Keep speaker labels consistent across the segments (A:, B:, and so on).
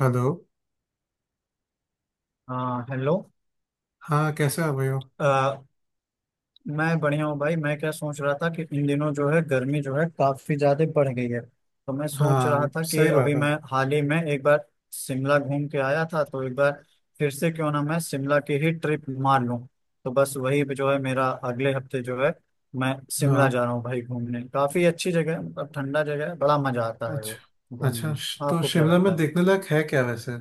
A: Hello.
B: हाँ hello.
A: हाँ कैसे हो भाई हो।
B: अ, मैं बढ़िया हूँ भाई। मैं क्या सोच रहा था कि इन दिनों जो है गर्मी जो है काफी ज्यादा बढ़ गई है, तो मैं सोच रहा
A: हाँ
B: था कि
A: सही बात
B: अभी
A: है।
B: मैं हाल ही में एक बार शिमला घूम के आया था, तो एक बार फिर से क्यों ना मैं शिमला की ही ट्रिप मार लूँ। तो बस वही जो है मेरा अगले हफ्ते जो है मैं
A: हाँ
B: शिमला जा रहा हूँ भाई घूमने। काफी अच्छी जगह है, मतलब ठंडा जगह है, बड़ा मजा आता है वो
A: अच्छा
B: घूमने
A: अच्छा,
B: में।
A: तो
B: आपको क्या
A: शिमला
B: लगता
A: में
B: है?
A: देखने लायक है क्या वैसे?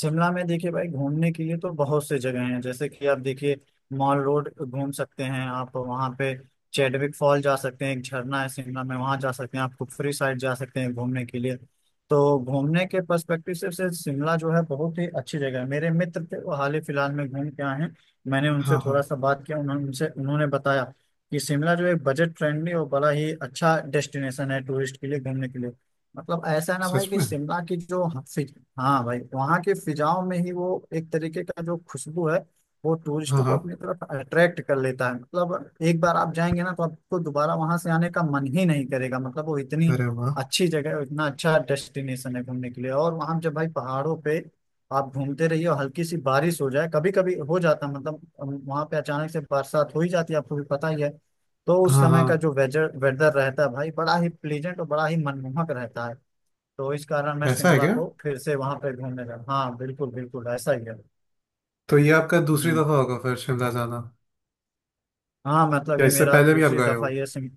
B: शिमला में देखिए भाई घूमने के लिए तो बहुत से जगह हैं। जैसे कि आप देखिए, मॉल रोड घूम सकते हैं आप, वहाँ पे चैडविक फॉल जा सकते हैं, एक झरना है शिमला में वहाँ जा सकते हैं, आप कुफरी साइड जा सकते हैं घूमने के लिए। तो घूमने के पर्सपेक्टिव से शिमला जो है बहुत ही अच्छी जगह है। मेरे मित्र थे वो हाल ही फिलहाल में घूम के आए हैं, मैंने उनसे
A: हाँ हाँ।
B: थोड़ा सा बात किया, उन्होंने उनसे उन्होंने बताया कि शिमला जो है बजट फ्रेंडली और बड़ा ही अच्छा डेस्टिनेशन है टूरिस्ट के लिए घूमने के लिए। मतलब ऐसा है ना भाई
A: सच
B: कि
A: में?
B: शिमला की जो हाँ भाई वहाँ की फिजाओं में ही वो एक तरीके का जो खुशबू है, वो
A: हाँ
B: टूरिस्टों को
A: हाँ,
B: अपनी तरफ अट्रैक्ट कर लेता है। मतलब एक बार आप जाएंगे ना तो आपको दोबारा वहां से आने का मन ही नहीं करेगा। मतलब वो इतनी
A: अरे वाह।
B: अच्छी जगह है, इतना अच्छा डेस्टिनेशन है घूमने के लिए। और वहां जब भाई पहाड़ों पे आप घूमते रहिए और हल्की सी बारिश हो जाए, कभी कभी हो जाता है, मतलब वहां पे अचानक से बरसात हो ही जाती है, आपको भी पता ही है। तो उस
A: हाँ
B: समय
A: हाँ,
B: का जो वेदर वेदर रहता है भाई बड़ा ही प्लीजेंट और बड़ा ही मनमोहक रहता है। तो इस कारण मैं
A: ऐसा है
B: शिमला
A: क्या?
B: को फिर से वहां पे घूमने गया। हाँ बिल्कुल बिल्कुल ऐसा ही है।
A: तो ये आपका दूसरी
B: हम्म,
A: दफा होगा फिर शिमला जाना,
B: हाँ मतलब
A: या
B: ये
A: इससे
B: मेरा
A: पहले भी आप
B: दूसरी
A: गए हो?
B: दफा ये सिम।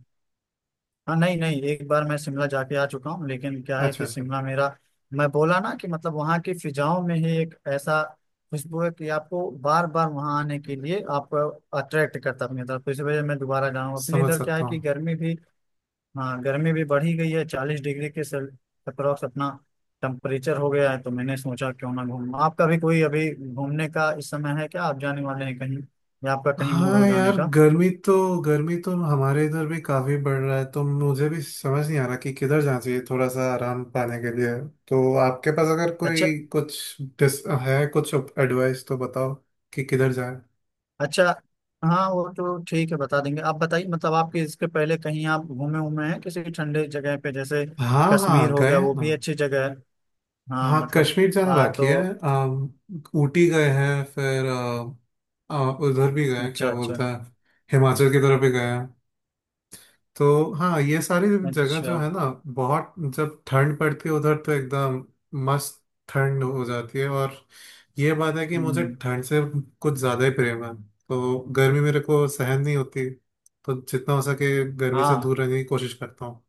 B: हाँ नहीं नहीं, एक बार मैं शिमला जाके आ चुका हूँ, लेकिन क्या है
A: अच्छा
B: कि
A: अच्छा।
B: शिमला मेरा, मैं बोला ना कि मतलब वहाँ की फिजाओं में ही एक ऐसा खुशबू है कि आपको बार बार वहाँ आने के लिए आप अट्रैक्ट करता है अपनी तरफ। तो इस वजह से मैं दोबारा जाऊँ। अपने
A: समझ
B: इधर क्या है
A: सकता
B: कि
A: हूँ।
B: गर्मी भी, हाँ गर्मी भी बढ़ ही गई है। 40 डिग्री के सेल अप्रॉक्स अपना टेम्परेचर हो गया है, तो मैंने सोचा क्यों ना घूम। आपका भी कोई अभी घूमने का इस समय है क्या? आप जाने वाले हैं कहीं या आपका कहीं मूड हो
A: हाँ
B: जाने
A: यार,
B: का?
A: गर्मी तो हमारे इधर भी काफी बढ़ रहा है, तो मुझे भी समझ नहीं आ रहा कि किधर जाना चाहिए थोड़ा सा आराम पाने के लिए। तो आपके पास अगर
B: अच्छा
A: कोई कुछ डिस है कुछ एडवाइस तो बताओ कि किधर जाए।
B: अच्छा। हाँ वो तो ठीक है बता देंगे, आप बताइए। मतलब आपके इसके पहले कहीं आप घूमे उमे हैं किसी ठंडे जगह पे? जैसे
A: हाँ
B: कश्मीर
A: हाँ
B: हो
A: गए
B: गया,
A: हैं
B: वो भी
A: ना।
B: अच्छी जगह है। हाँ
A: हाँ
B: मतलब
A: कश्मीर जाना बाकी है।
B: तो
A: अम, ऊटी गए हैं फिर उधर भी गए हैं,
B: अच्छा
A: क्या
B: अच्छा
A: बोलते हैं, हिमाचल की तरफ भी गए हैं। तो हाँ ये सारी जगह जो
B: अच्छा।
A: है ना, बहुत जब ठंड पड़ती है उधर तो एकदम मस्त ठंड हो जाती है। और ये बात है कि मुझे
B: हम्म
A: ठंड से कुछ ज़्यादा ही प्रेम है, तो गर्मी मेरे को सहन नहीं होती, तो जितना हो सके गर्मी से
B: हाँ
A: दूर रहने की कोशिश करता हूँ।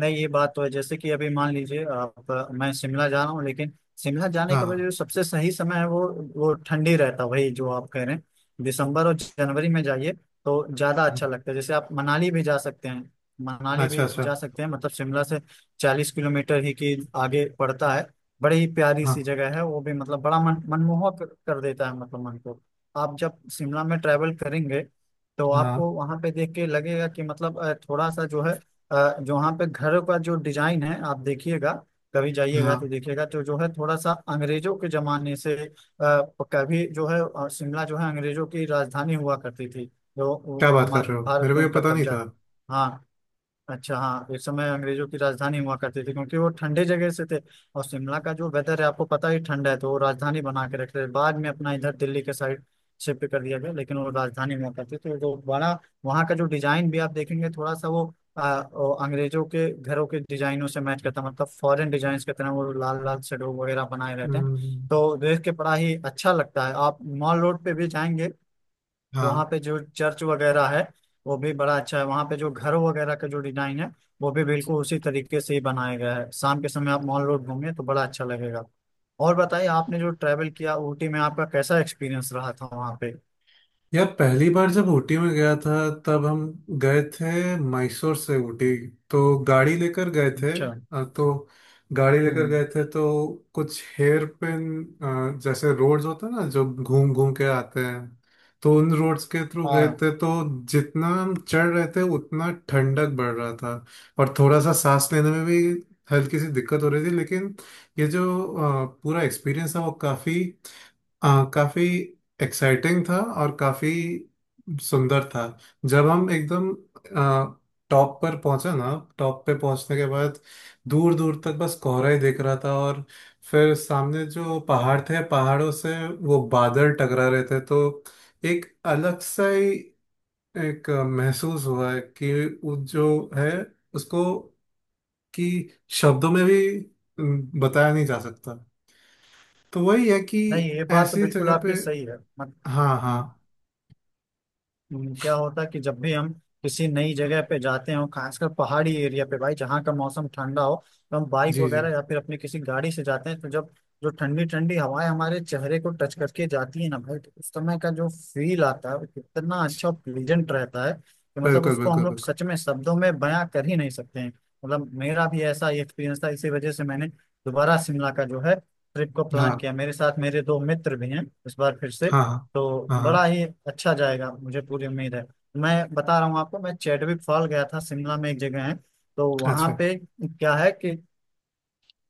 B: नहीं ये बात तो है। जैसे कि अभी मान लीजिए आप, मैं शिमला जा रहा हूँ लेकिन शिमला जाने के बाद
A: हाँ
B: जो सबसे सही समय है, वो ठंडी रहता है, वही जो आप कह रहे हैं, दिसंबर और जनवरी में जाइए तो ज्यादा अच्छा लगता है। जैसे आप मनाली भी जा सकते हैं, मनाली
A: अच्छा
B: भी
A: अच्छा।
B: जा सकते हैं, मतलब शिमला से 40 किलोमीटर ही की आगे पड़ता है। बड़ी ही प्यारी सी
A: हाँ
B: जगह है वो भी, मतलब बड़ा मन मनमोहक कर देता है मतलब मन को। आप जब शिमला में ट्रैवल करेंगे तो
A: हाँ
B: आपको वहां पे देख के लगेगा कि मतलब थोड़ा सा जो है, जहाँ पे घर का जो डिजाइन है आप देखिएगा, कभी जाइएगा
A: हाँ,
B: तो देखिएगा तो जो है थोड़ा सा अंग्रेजों के जमाने से। कभी जो है शिमला जो है अंग्रेजों की राजधानी हुआ करती थी जो,
A: क्या बात कर रहे
B: हमारे
A: हो,
B: भारत
A: मेरे को
B: पे
A: ये
B: उनका
A: पता नहीं
B: कब्जा
A: था।
B: था। हाँ अच्छा। हाँ इस समय अंग्रेजों की राजधानी हुआ करती थी क्योंकि वो ठंडे जगह से थे, और शिमला का जो वेदर है आपको पता ही ठंडा है, तो वो राजधानी बना के रखते थे। बाद में अपना इधर दिल्ली के साइड शिफ्ट कर दिया गया, लेकिन वो राजधानी हुआ करती थी। तो जो बड़ा वहाँ का जो डिजाइन भी आप देखेंगे थोड़ा सा वो वो अंग्रेजों के घरों के डिजाइनों से मैच करता है। मतलब फॉरेन डिजाइन की तरह वो लाल लाल शेडो वगैरह बनाए रहते हैं,
A: हम्म।
B: तो देख के बड़ा ही अच्छा लगता है। आप मॉल रोड पे भी जाएंगे तो वहाँ
A: हाँ
B: पे जो चर्च वगैरह है, वो भी बड़ा अच्छा है। वहाँ पे जो घर वगैरह का जो डिजाइन है, वो भी बिल्कुल उसी तरीके से ही बनाया गया है। शाम के समय आप मॉल रोड घूमें तो बड़ा अच्छा लगेगा। और बताइए आपने जो ट्रैवल किया ऊटी में आपका कैसा एक्सपीरियंस रहा था वहाँ पे?
A: यार, पहली बार जब ऊटी में गया था तब हम गए थे मैसूर से ऊटी, तो गाड़ी लेकर गए थे।
B: अच्छा।
A: तो गाड़ी लेकर
B: हम्म
A: गए थे तो कुछ हेयर पिन जैसे रोड्स होते हैं ना जो घूम घूम के आते हैं, तो उन रोड्स के थ्रू गए
B: हाँ
A: थे, तो जितना हम चढ़ रहे थे उतना ठंडक बढ़ रहा था। और थोड़ा सा सांस लेने में भी हल्की सी दिक्कत हो रही थी, लेकिन ये जो पूरा एक्सपीरियंस था वो काफ़ी काफ़ी एक्साइटिंग था और काफ़ी सुंदर था। जब हम एकदम टॉप पर पहुंचे ना, टॉप पे पहुंचने के बाद दूर दूर तक बस कोहरा ही दिख रहा था, और फिर सामने जो पहाड़ थे, पहाड़ों से वो बादल टकरा रहे थे। तो एक अलग सा ही एक महसूस हुआ है कि वो जो है उसको कि शब्दों में भी बताया नहीं जा सकता। तो वही है कि
B: नहीं ये बात तो
A: ऐसी
B: बिल्कुल
A: जगह पे।
B: आपकी सही है। मत,
A: हाँ हाँ।
B: हम्म, क्या होता है कि जब भी हम किसी नई जगह पे जाते हो खासकर पहाड़ी एरिया पे भाई, जहाँ का मौसम ठंडा हो, तो हम बाइक
A: जी जी,
B: वगैरह या फिर अपनी किसी गाड़ी से जाते हैं, तो जब जो ठंडी ठंडी हवाएं हमारे चेहरे को टच करके जाती है ना भाई, तो उस समय का जो फील आता है वो कितना अच्छा और प्लीजेंट रहता है कि मतलब
A: बिल्कुल
B: उसको हम
A: बिल्कुल
B: लोग
A: बिल्कुल।
B: सच में शब्दों में बयां कर ही नहीं सकते हैं। मतलब मेरा भी ऐसा ही एक्सपीरियंस था, इसी वजह से मैंने दोबारा शिमला का जो है ट्रिप को प्लान
A: हाँ
B: किया। मेरे साथ मेरे दो मित्र भी हैं इस बार फिर से,
A: हाँ हाँ
B: तो
A: हाँ
B: बड़ा
A: हाँ।
B: ही अच्छा जाएगा मुझे पूरी उम्मीद है। मैं बता रहा हूँ आपको, मैं चैडविक फॉल गया था, शिमला में एक जगह है, तो वहां
A: अच्छा।
B: पे क्या है कि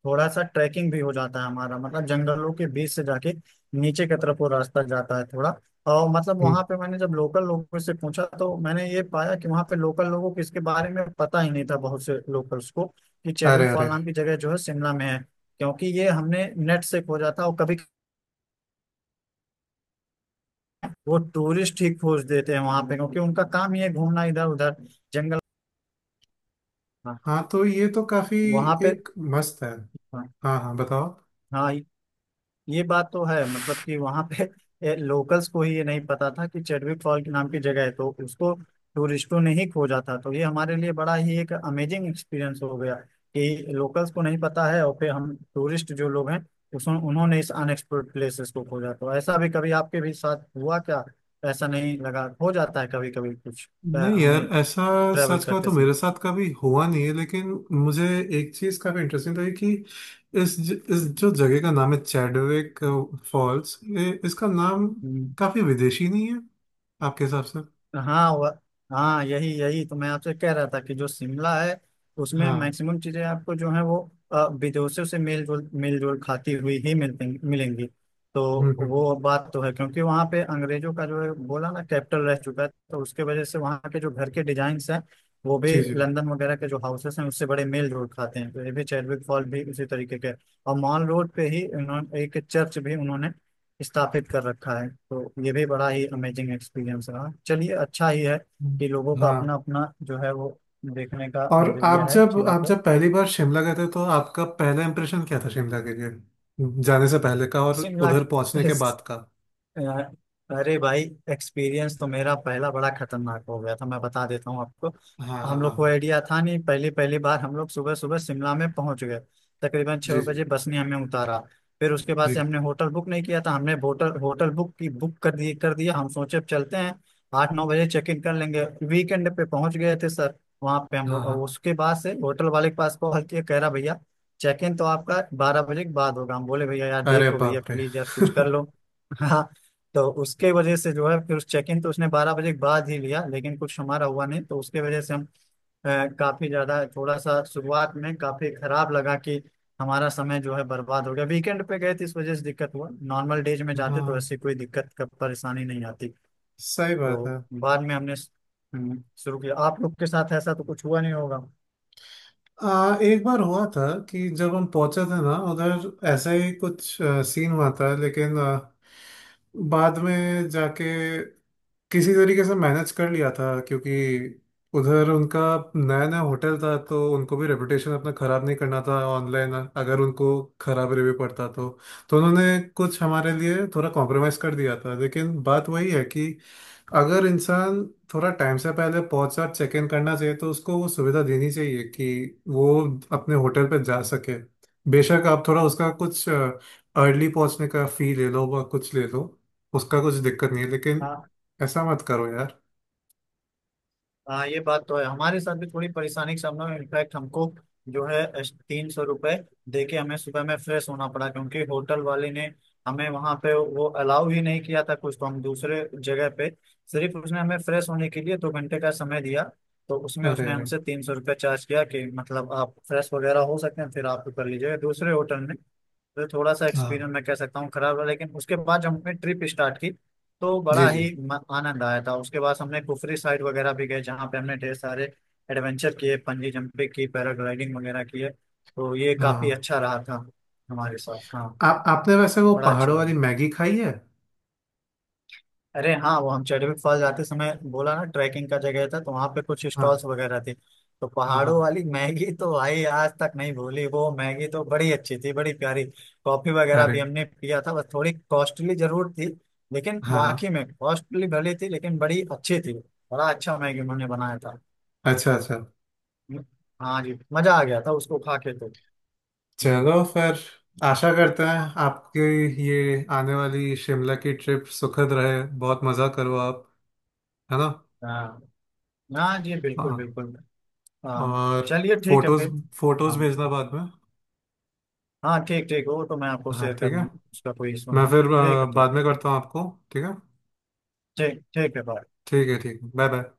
B: थोड़ा सा ट्रैकिंग भी हो जाता है हमारा, मतलब जंगलों के बीच से जाके नीचे की तरफ वो रास्ता जाता है थोड़ा। और मतलब
A: हम्म।
B: वहां पे मैंने जब लोकल लोगों से पूछा, तो मैंने ये पाया कि वहां पे लोकल लोगों को इसके बारे में पता ही नहीं था, बहुत से लोकल्स को, कि
A: अरे
B: चैडविक फॉल
A: अरे।
B: नाम की जगह जो है शिमला में है। क्योंकि ये हमने नेट से खोजा था, और कभी वो टूरिस्ट ही खोज देते हैं वहां पे क्योंकि उनका काम ही है घूमना इधर उधर जंगल। हाँ
A: हाँ तो ये तो काफी
B: वहां पे।
A: एक मस्त है।
B: हाँ
A: हाँ हाँ बताओ।
B: हाँ, ये बात तो है। मतलब कि वहां पे लोकल्स को ही ये नहीं पता था कि चेडविक फॉल के नाम की जगह है, तो उसको टूरिस्टों ने ही खोजा था, तो ये हमारे लिए बड़ा ही एक अमेजिंग एक्सपीरियंस हो गया कि लोकल्स को नहीं पता है, और फिर हम टूरिस्ट जो लोग हैं, उस उन्होंने इस अनएक्सप्लोर्ड प्लेसेस को खोजा। तो ऐसा भी कभी आपके भी साथ हुआ क्या? ऐसा नहीं लगा हो जाता है कभी कभी कुछ
A: नहीं यार,
B: हमें
A: ऐसा
B: ट्रेवल
A: सच का
B: करते
A: तो
B: समय?
A: मेरे साथ कभी हुआ नहीं है, लेकिन मुझे एक चीज काफी इंटरेस्टिंग लगी कि इस जो जगह का नाम है चैडविक फॉल्स, ये इसका नाम
B: हम्म,
A: काफी विदेशी नहीं है आपके हिसाब से?
B: हाँ वह। हाँ यही यही तो मैं आपसे कह रहा था कि जो शिमला है उसमें
A: हाँ
B: मैक्सिमम चीजें आपको जो है वो विदेशों से मेल जोल खाती हुई ही मिलती मिलेंगी। तो
A: हम्म।
B: वो बात तो है क्योंकि वहाँ पे अंग्रेजों का जो है बोला ना कैपिटल रह चुका है, तो उसके वजह से वहाँ के जो घर के डिजाइन्स हैं, वो भी
A: जी जी।
B: लंदन वगैरह के जो हाउसेस हैं उससे बड़े मेल जोल खाते हैं। तो ये भी चैडविक फॉल भी उसी तरीके के। और मॉल रोड पे ही उन्होंने एक चर्च भी उन्होंने स्थापित कर रखा है। तो ये भी बड़ा ही अमेजिंग एक्सपीरियंस रहा। चलिए अच्छा ही है
A: हम्म।
B: कि लोगों का
A: हाँ।
B: अपना अपना जो है वो देखने का
A: और
B: नजरिया है चीज़ों
A: आप
B: को।
A: जब पहली बार शिमला गए थे तो आपका पहला इंप्रेशन क्या था शिमला के लिए, जाने से पहले का और
B: शिमला
A: उधर
B: के-
A: पहुंचने के बाद का?
B: अ- अरे भाई, एक्सपीरियंस तो मेरा पहला बड़ा खतरनाक हो गया था, मैं बता देता हूँ आपको।
A: हाँ
B: हम
A: हाँ
B: लोग को
A: हाँ।
B: आइडिया था नहीं, पहली पहली बार हम लोग सुबह सुबह शिमला में पहुंच गए तकरीबन
A: जी
B: छः
A: जी।
B: बजे बस ने हमें उतारा। फिर उसके बाद
A: जी।
B: से हमने होटल बुक नहीं किया था, हमने होटल होटल बुक कर दिया। हम सोचे अब चलते हैं 8-9 बजे चेक इन कर लेंगे। वीकेंड पे पहुंच गए थे सर वहाँ पे हम
A: हाँ
B: लोग, और
A: हाँ।
B: उसके बाद से होटल वाले के पास कॉल किया, कह रहा भैया चेक इन तो आपका 12 बजे के बाद होगा। हम बोले भैया यार
A: अरे
B: देख लो भैया,
A: बाप रे
B: प्लीज यार कुछ कर लो। तो उसके वजह से जो है फिर उस चेक इन तो उसने 12 बजे के बाद ही लिया, लेकिन कुछ हमारा हुआ नहीं, तो उसके वजह से हम काफी ज्यादा थोड़ा सा शुरुआत में काफी खराब लगा कि हमारा समय जो है बर्बाद हो गया। वीकेंड पे गए थे इस वजह से दिक्कत हुआ, नॉर्मल डेज में जाते तो
A: हाँ
B: ऐसी कोई दिक्कत का परेशानी नहीं आती।
A: सही बात
B: तो
A: है।
B: बाद में हमने शुरू किया। आप लोग के साथ ऐसा तो कुछ हुआ नहीं होगा?
A: एक बार हुआ था कि जब हम पहुंचे थे ना उधर ऐसा ही कुछ सीन हुआ था, लेकिन बाद में जाके किसी तरीके से मैनेज कर लिया था, क्योंकि उधर उनका नया नया होटल था, तो उनको भी रेपुटेशन अपना खराब नहीं करना था ऑनलाइन। अगर उनको खराब रिव्यू पड़ता तो उन्होंने कुछ हमारे लिए थोड़ा कॉम्प्रोमाइज़ कर दिया था। लेकिन बात वही है कि अगर इंसान थोड़ा टाइम से पहले पहुंच कर चेक इन करना चाहिए तो उसको वो सुविधा देनी चाहिए कि वो अपने होटल पे जा सके। बेशक आप थोड़ा उसका कुछ अर्ली पहुंचने का फी ले लो व कुछ ले लो, उसका कुछ दिक्कत नहीं है, लेकिन ऐसा मत करो यार।
B: हाँ ये बात तो है, हमारे साथ भी थोड़ी परेशानी का सामना हुआ। इनफैक्ट हमको जो है 300 रुपये दे के हमें सुबह में फ्रेश होना पड़ा, क्योंकि होटल वाले ने हमें वहाँ पे वो अलाउ ही नहीं किया था कुछ, तो हम दूसरे जगह पे, सिर्फ उसने हमें फ्रेश होने के लिए 2 घंटे का समय दिया, तो उसमें
A: अरे
B: उसने
A: अरे।
B: हमसे 300 रुपये चार्ज किया कि मतलब आप फ्रेश वगैरह हो सकते हैं, फिर आप कर लीजिएगा दूसरे होटल में। तो थोड़ा सा
A: हाँ
B: एक्सपीरियंस मैं कह सकता हूँ खराब रहा, लेकिन उसके बाद जब हमने ट्रिप स्टार्ट की तो
A: जी
B: बड़ा
A: जी।
B: ही आनंद आया था। उसके बाद हमने कुफरी साइड वगैरह भी गए जहाँ पे हमने ढेर सारे एडवेंचर किए, बंजी जंपिंग की, पैराग्लाइडिंग वगैरह किए, तो ये
A: हाँ
B: काफी
A: हाँ।
B: अच्छा रहा था हमारे साथ। हाँ
A: आप आपने वैसे वो
B: बड़ा अच्छा
A: पहाड़ों वाली
B: लगा।
A: मैगी खाई है?
B: अरे हाँ वो हम चैडविक फॉल जाते समय बोला ना ट्रैकिंग का जगह था, तो वहाँ पे कुछ स्टॉल्स
A: हाँ
B: वगैरह थे। तो
A: हाँ हाँ।
B: पहाड़ों वाली मैगी तो भाई आज तक नहीं भूली, वो मैगी तो बड़ी अच्छी थी, बड़ी प्यारी। कॉफी वगैरह
A: अरे
B: भी हमने पिया था, बस थोड़ी कॉस्टली जरूर थी, लेकिन
A: हाँ हाँ।
B: वाकई में कॉस्टली भले थी लेकिन बड़ी अच्छी थी। बड़ा अच्छा मैगी उन्होंने बनाया था।
A: अच्छा अच्छा।
B: हम्म, हाँ जी मजा आ गया था उसको खा के तो। हम्म,
A: चलो फिर, आशा करते हैं आपकी ये आने वाली शिमला की ट्रिप सुखद रहे, बहुत मज़ा करो आप, है ना?
B: हाँ। हाँ जी
A: हाँ
B: बिल्कुल
A: हाँ।
B: बिल्कुल। हाँ
A: और
B: चलिए ठीक है
A: फोटोज
B: फिर।
A: फोटोज
B: हाँ।
A: भेजना बाद में।
B: हाँ ठीक ठीक, वो तो मैं आपको
A: हाँ
B: शेयर
A: ठीक
B: कर
A: है।
B: दूंगा, उसका कोई इशू
A: मैं
B: नहीं।
A: फिर
B: ठीक है ठीक।
A: बाद में करता हूँ आपको, ठीक है?
B: ठीक ठीक है बाय।
A: ठीक है ठीक है, बाय बाय।